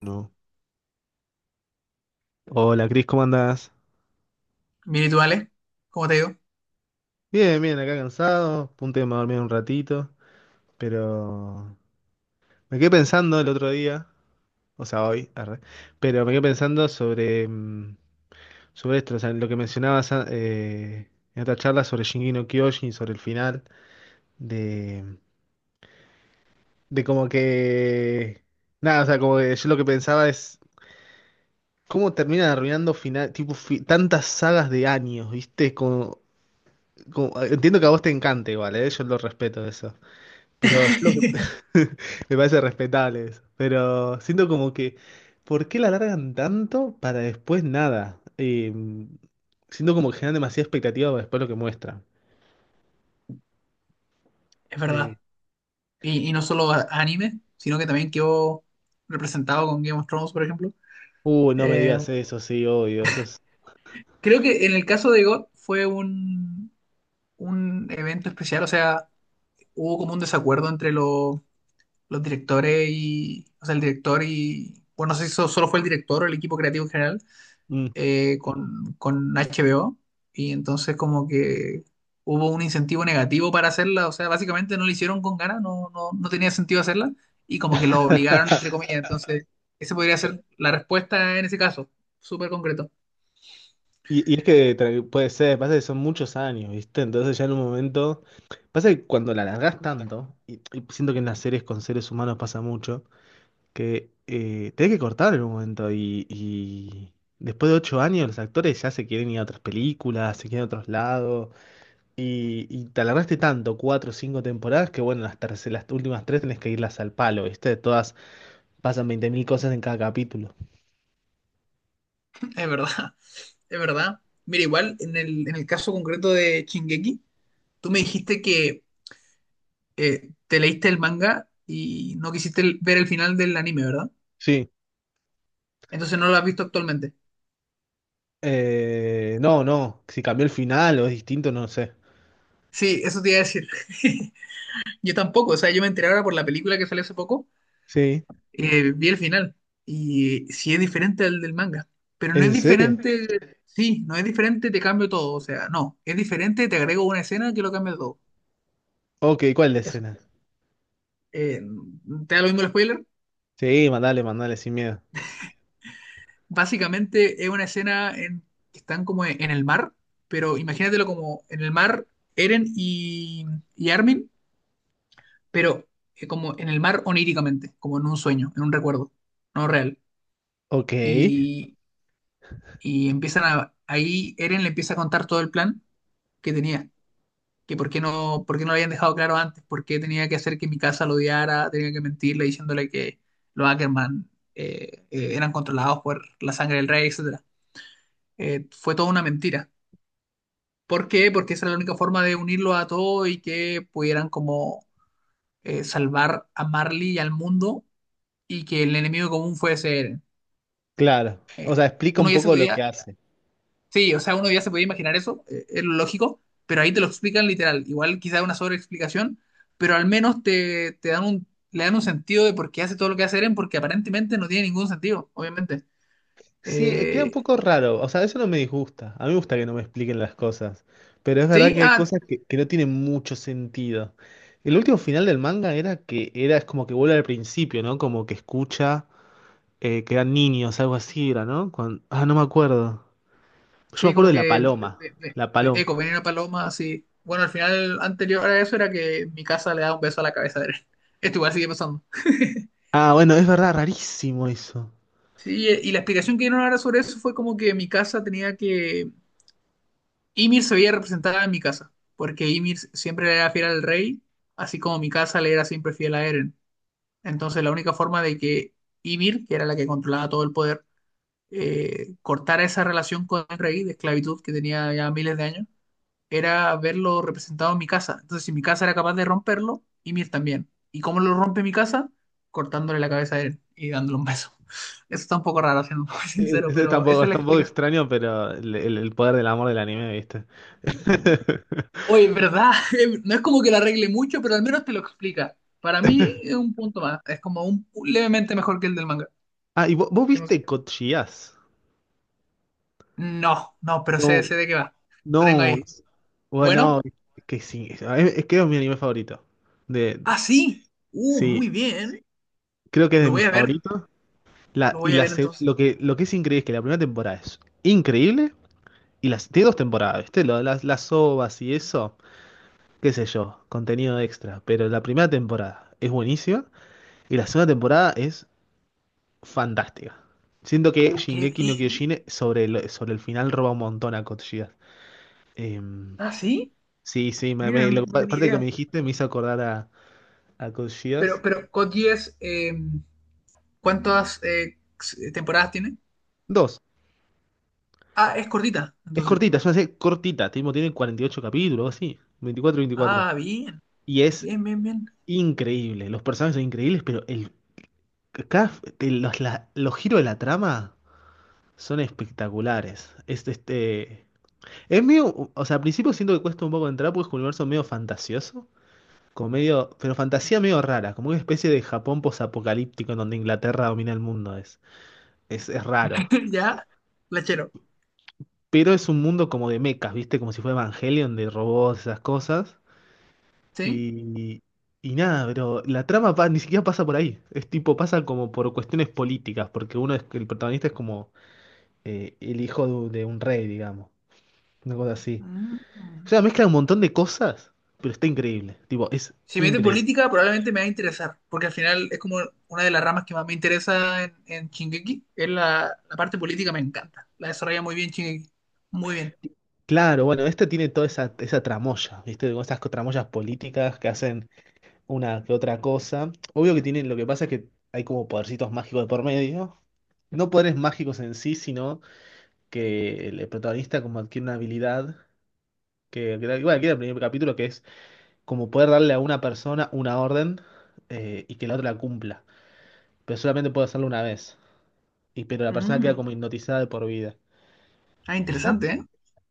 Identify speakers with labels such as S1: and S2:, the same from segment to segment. S1: No. Hola, Cris, ¿cómo andás?
S2: Bien, ¿y tú, Ale? ¿Cómo te digo?
S1: Bien, bien, acá cansado, a punto de dormir un ratito, pero me quedé pensando el otro día, o sea, hoy, arre, pero me quedé pensando sobre esto, o sea, lo que mencionabas en otra charla sobre Shingeki no Kyojin, sobre el final, de, de como que, nada, o sea, como que yo lo que pensaba es, ¿cómo terminan arruinando final, tipo, tantas sagas de años, viste? Como, entiendo que a vos te encanta igual, ¿eh? Yo lo respeto eso. Pero yo lo que... Me parece respetable eso. Pero siento como que, ¿por qué la alargan tanto para después nada? Siento como que generan demasiada expectativa para después lo que muestran.
S2: Es
S1: Eh,
S2: verdad. Y no solo a- anime, sino que también quedó representado con Game of Thrones, por ejemplo.
S1: no me
S2: Eh,
S1: digas eso, sí, obvio, eso es...
S2: Creo que en el caso de God fue un evento especial, o sea, hubo como un desacuerdo entre los directores y, o sea, el director y, bueno, no sé si so- solo fue el director o el equipo creativo en general,
S1: Mm.
S2: con HBO, y entonces como que hubo un incentivo negativo para hacerla, o sea, básicamente no la hicieron con ganas, no, no, no tenía sentido hacerla y como que lo obligaron, entre comillas. Entonces esa podría ser la respuesta en ese caso, súper concreto,
S1: Y es que puede ser, pasa que son muchos años, ¿viste? Entonces ya en un momento... Pasa que cuando la alargás tanto, y siento que en las series con seres humanos pasa mucho, que tenés que cortar en un momento y después de 8 años los actores ya se quieren ir a otras películas, se quieren a otros lados y te alargaste tanto, cuatro o cinco temporadas, que bueno, las últimas tres tenés que irlas al palo, ¿viste? Todas pasan 20.000 cosas en cada capítulo.
S2: es verdad, es verdad. Mira, igual en el caso concreto de Shingeki, tú me dijiste que te leíste el manga y no quisiste ver el final del anime, ¿verdad?
S1: Sí.
S2: Entonces no lo has visto actualmente.
S1: No, no, si cambió el final o es distinto, no sé.
S2: Sí, eso te iba a decir. Yo tampoco, o sea, yo me enteré ahora por la película que salió hace poco.
S1: Sí,
S2: Vi el final y sí es diferente al del manga, pero no es
S1: ¿en serio?
S2: diferente, sí, no es diferente, te cambio todo, o sea, no, es diferente, te agrego una escena que lo cambia todo.
S1: Ok, ¿cuál es la
S2: Eso.
S1: escena?
S2: Eh, ¿Te da lo mismo el spoiler?
S1: Sí, mandale, mandale sin miedo.
S2: Básicamente es una escena en que están como en el mar, pero imagínatelo como en el mar Eren y Armin, pero como en el mar oníricamente, como en un sueño, en un recuerdo, no real.
S1: Ok,
S2: Y Y empiezan a, ahí Eren le empieza a contar todo el plan que tenía, que por qué no lo habían dejado claro antes, por qué tenía que hacer que mi casa lo odiara, tenía que mentirle diciéndole que los Ackerman eran controlados por la sangre del rey, etcétera. Fue toda una mentira. ¿Por qué? Porque esa era la única forma de unirlo a todo y que pudieran como salvar a Marley y al mundo y que el enemigo común fuese Eren.
S1: claro.
S2: Eh,
S1: O sea, explica un
S2: Uno ya se
S1: poco lo que
S2: podía…
S1: hace.
S2: Sí, o sea, uno ya se podía imaginar eso, es lo lógico, pero ahí te lo explican literal. Igual quizá una sobreexplicación, pero al menos te, te dan un, le dan un sentido de por qué hace todo lo que hace Eren, porque aparentemente no tiene ningún sentido, obviamente.
S1: Sí, queda un
S2: Eh,
S1: poco raro. O sea, eso no me disgusta. A mí me gusta que no me expliquen las cosas. Pero es verdad
S2: sí,
S1: que hay
S2: ah,
S1: cosas que no tienen mucho sentido. El último final del manga era que era es como que vuelve al principio, ¿no? Como que escucha que eran niños, algo así era, ¿no? Ah, no me acuerdo. Yo me
S2: sí,
S1: acuerdo
S2: como
S1: de la
S2: que
S1: paloma. La paloma.
S2: eco, venía una paloma, sí. Bueno, al final anterior a eso era que mi casa le da un beso a la cabeza de Eren. Esto igual sigue pasando.
S1: Ah, bueno, es verdad, rarísimo eso.
S2: Sí, y la explicación que dieron ahora sobre eso fue como que mi casa tenía que… Ymir se veía representada en mi casa, porque Ymir siempre le era fiel al rey, así como mi casa le era siempre fiel a Eren. Entonces la única forma de que Ymir, que era la que controlaba todo el poder, cortara esa relación con el rey de esclavitud que tenía ya miles de años, era verlo representado en mi casa. Entonces si mi casa era capaz de romperlo, Ymir también. ¿Y cómo lo rompe mi casa? Cortándole la cabeza a Eren y dándole un beso. Eso está un poco raro, siendo muy
S1: Sí,
S2: sincero,
S1: eso
S2: pero esa es
S1: es
S2: la
S1: tampoco
S2: explicación.
S1: extraño, pero el poder del amor del anime, ¿viste?
S2: Oye, en ¿verdad? No es como que la arregle mucho, pero al menos te lo explica. Para mí es un punto más. Es como un levemente mejor que el del manga.
S1: Ah, ¿y vos, vos
S2: Sí, no sé.
S1: viste Code Geass?
S2: No, no, pero sé,
S1: No.
S2: sé de qué va. Lo tengo
S1: No,
S2: ahí.
S1: es- bueno,
S2: Bueno,
S1: es que sí, es que es mi anime favorito. De,
S2: ah, sí. Muy
S1: sí,
S2: bien.
S1: creo que es de
S2: Lo voy
S1: mis
S2: a ver.
S1: favoritos. La,
S2: Lo
S1: y
S2: voy a
S1: la,
S2: ver
S1: seg-
S2: entonces.
S1: lo que es increíble es que la primera temporada es increíble y las tiene dos temporadas, ¿viste? Las OVAs y eso, qué sé yo, contenido extra. Pero la primera temporada es buenísima y la segunda temporada es fantástica. Siento que
S2: Qué
S1: Shingeki no
S2: bien.
S1: Kyojin sobre el final roba un montón a Code Geass. Em,
S2: Ah, sí.
S1: sí, sí, me,
S2: Mira, no, no tenía
S1: aparte que
S2: idea.
S1: me dijiste me hizo acordar A
S2: Pero, Code Geass, ¿cuántas temporadas tiene?
S1: Dos.
S2: Ah, es cortita,
S1: Es
S2: entonces.
S1: cortita, es una serie cortita. Tipo, tiene 48 capítulos, o así. 24, 24.
S2: Ah, bien.
S1: Y es
S2: Bien, bien, bien.
S1: increíble. Los personajes son increíbles, pero el, cada- el- los, la- los giros de la trama son espectaculares. Es medio. O sea, al principio siento que cuesta un poco entrar porque es un universo medio fantasioso. Como medio, pero fantasía medio rara, como una especie de Japón posapocalíptico en donde Inglaterra domina el mundo. Es raro.
S2: Ya, la chero.
S1: Pero es un mundo como de mechas, ¿viste? Como si fuera Evangelion de robots, esas cosas.
S2: ¿Sí?
S1: Y, y nada, pero la trama ni siquiera pasa por ahí. Es tipo, pasa como por cuestiones políticas, porque el protagonista es como el hijo de un rey, digamos. Una cosa así. O
S2: Mm.
S1: sea, mezcla un montón de cosas, pero está increíble. Tipo, es
S2: Si me mete en
S1: increíble.
S2: política, probablemente me va a interesar, porque al final es como una de las ramas que más me interesa en Shingeki, es la, la parte política, me encanta. La desarrolla muy bien Shingeki. Muy bien.
S1: Claro, bueno, este tiene toda esa tramoya, ¿viste? Como tramoyas políticas que hacen una que otra cosa. Obvio que tienen, lo que pasa es que hay como podercitos mágicos de por medio. No poderes mágicos en sí, sino que el protagonista como adquiere una habilidad igual que era el primer capítulo, que es como poder darle a una persona una orden y que la otra la cumpla. Pero solamente puede hacerlo una vez. Y pero la persona queda
S2: Mm.
S1: como hipnotizada de por vida.
S2: Ah,
S1: Y ya
S2: interesante, ¿eh?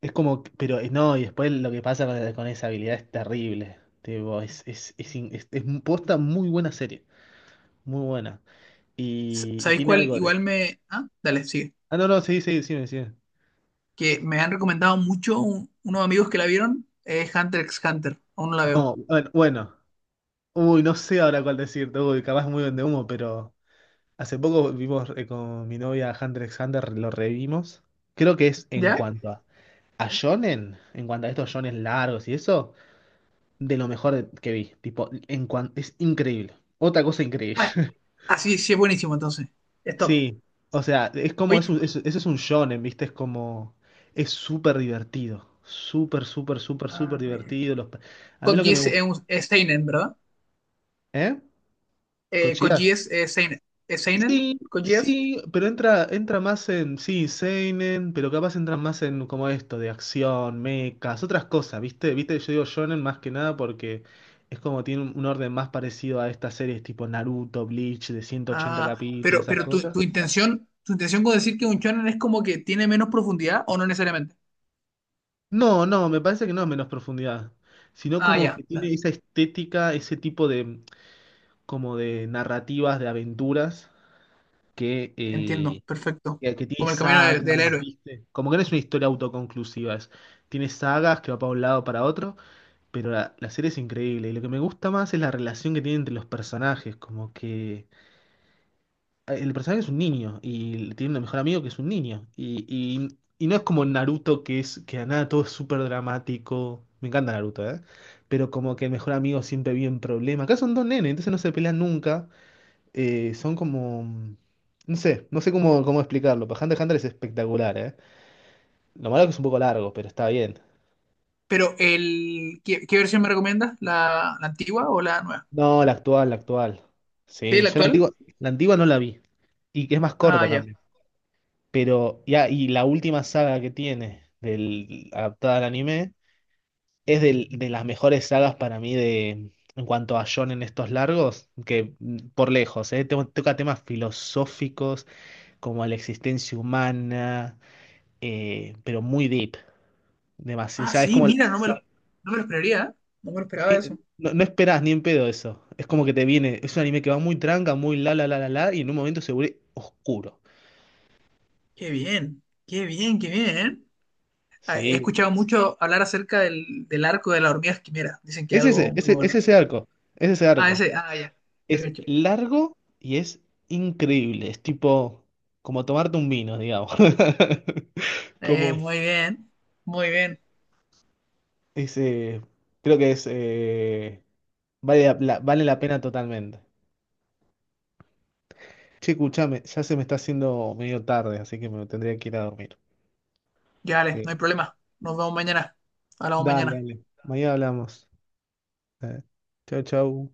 S1: es como, no, y después lo que pasa con esa habilidad es terrible. Tipo, es posta muy buena serie. Muy buena.
S2: S-
S1: Y
S2: ¿Sabéis
S1: tiene
S2: cuál?
S1: algo
S2: Igual
S1: de.
S2: me… Ah, dale, sigue.
S1: Ah, no, no, sí, sí, sí, sí.
S2: Que me han recomendado mucho unos amigos que la vieron, es Hunter x Hunter. Aún no la veo.
S1: No, bueno, bueno. Uy, no sé ahora cuál decirte. Uy, capaz muy de humo, pero hace poco vimos con mi novia Hunter x Hunter, lo revimos. Creo que es en
S2: ¿Ya?
S1: cuanto a shonen, en cuanto a estos shonen largos y eso, de lo mejor que vi. Tipo, es increíble. Otra cosa increíble.
S2: Ah, ah, sí, sí, es buenísimo entonces. Stop.
S1: Sí, o sea, es como,
S2: Oye,
S1: eso es un shonen, ¿viste? Es como, es súper divertido. Súper, súper, súper,
S2: ah,
S1: súper
S2: ya.
S1: divertido. Los, a mí
S2: Code
S1: lo que me
S2: Geass es un es seinen, ¿verdad?
S1: ¿Eh?
S2: Con
S1: ¿Cochías?
S2: GS, Seinen, Seinen,
S1: Sí,
S2: con GS.
S1: sí, pero entra más en, sí, seinen, pero capaz entra más en como esto, de acción, mechas, otras cosas, ¿viste? ¿Viste? Yo digo shonen más que nada porque es como tiene un orden más parecido a estas series tipo Naruto, Bleach, de ciento ochenta
S2: Ah,
S1: capítulos, esas
S2: pero tu,
S1: cosas.
S2: tu intención con decir que un shonen es como que tiene menos profundidad o no necesariamente.
S1: No, no, me parece que no es menos profundidad, sino
S2: Ah,
S1: como
S2: ya,
S1: que
S2: ya,
S1: tiene esa estética, ese tipo de, como de narrativas, de aventuras que...
S2: entiendo, perfecto.
S1: que tiene
S2: Como el camino del, del
S1: sagas,
S2: héroe.
S1: ¿viste? Como que no es una historia autoconclusiva, tiene sagas que va para un lado para otro, pero la serie es increíble. Y lo que me gusta más es la relación que tiene entre los personajes, como que el personaje es un niño y tiene un mejor amigo que es un niño. Y no es como Naruto, que es que a nada todo es súper dramático. Me encanta Naruto, ¿eh? Pero como que el mejor amigo siempre vive en problemas. Acá son dos nenes, entonces no se pelean nunca. Son como... No sé cómo explicarlo. Pero Hunter x Hunter es espectacular, ¿eh? Lo malo es que es un poco largo, pero está bien.
S2: Pero el, ¿qué, qué versión me recomiendas? ¿La, la antigua o la nueva?
S1: No, la actual, la actual.
S2: Sí,
S1: Sí,
S2: la
S1: yo
S2: actual.
S1: la antigua no la vi. Y que es más
S2: Ah,
S1: corta
S2: ya.
S1: también. Pero, ya, y la última saga que tiene, del, adaptada al anime, es de las mejores sagas para mí de, en cuanto a shonen estos largos, que por lejos, toca temas filosóficos como la existencia humana, pero muy deep.
S2: Ah,
S1: Demasiado, es
S2: sí,
S1: como,
S2: mira, no me lo, no me lo esperaría, ¿eh? No me lo esperaba
S1: Sí,
S2: eso.
S1: no, no esperás ni en pedo eso. Es como que te viene, es un anime que va muy tranca, muy la la la la la, y en un momento se vuelve oscuro.
S2: Qué bien, qué bien, qué bien. ¿Eh? Ah, he
S1: Sí.
S2: escuchado mucho hablar acerca del, del arco de la hormiga, mira, dicen que es
S1: Es ese,
S2: algo muy
S1: es
S2: bueno.
S1: ese arco. Es ese
S2: Ah,
S1: arco.
S2: ese, ah, ya, te
S1: Es
S2: cacho.
S1: largo y es increíble. Es tipo como tomarte un vino, digamos. Como
S2: Muy bien, muy bien.
S1: ese. Creo que es. Vale la pena totalmente. Che, escuchame, ya se me está haciendo medio tarde, así que me tendría que ir a dormir.
S2: Ya, vale,
S1: Ok.
S2: no hay problema. Nos vemos mañana. Hablamos
S1: Dale,
S2: mañana.
S1: dale. Mañana hablamos. Eh, Chao, chao.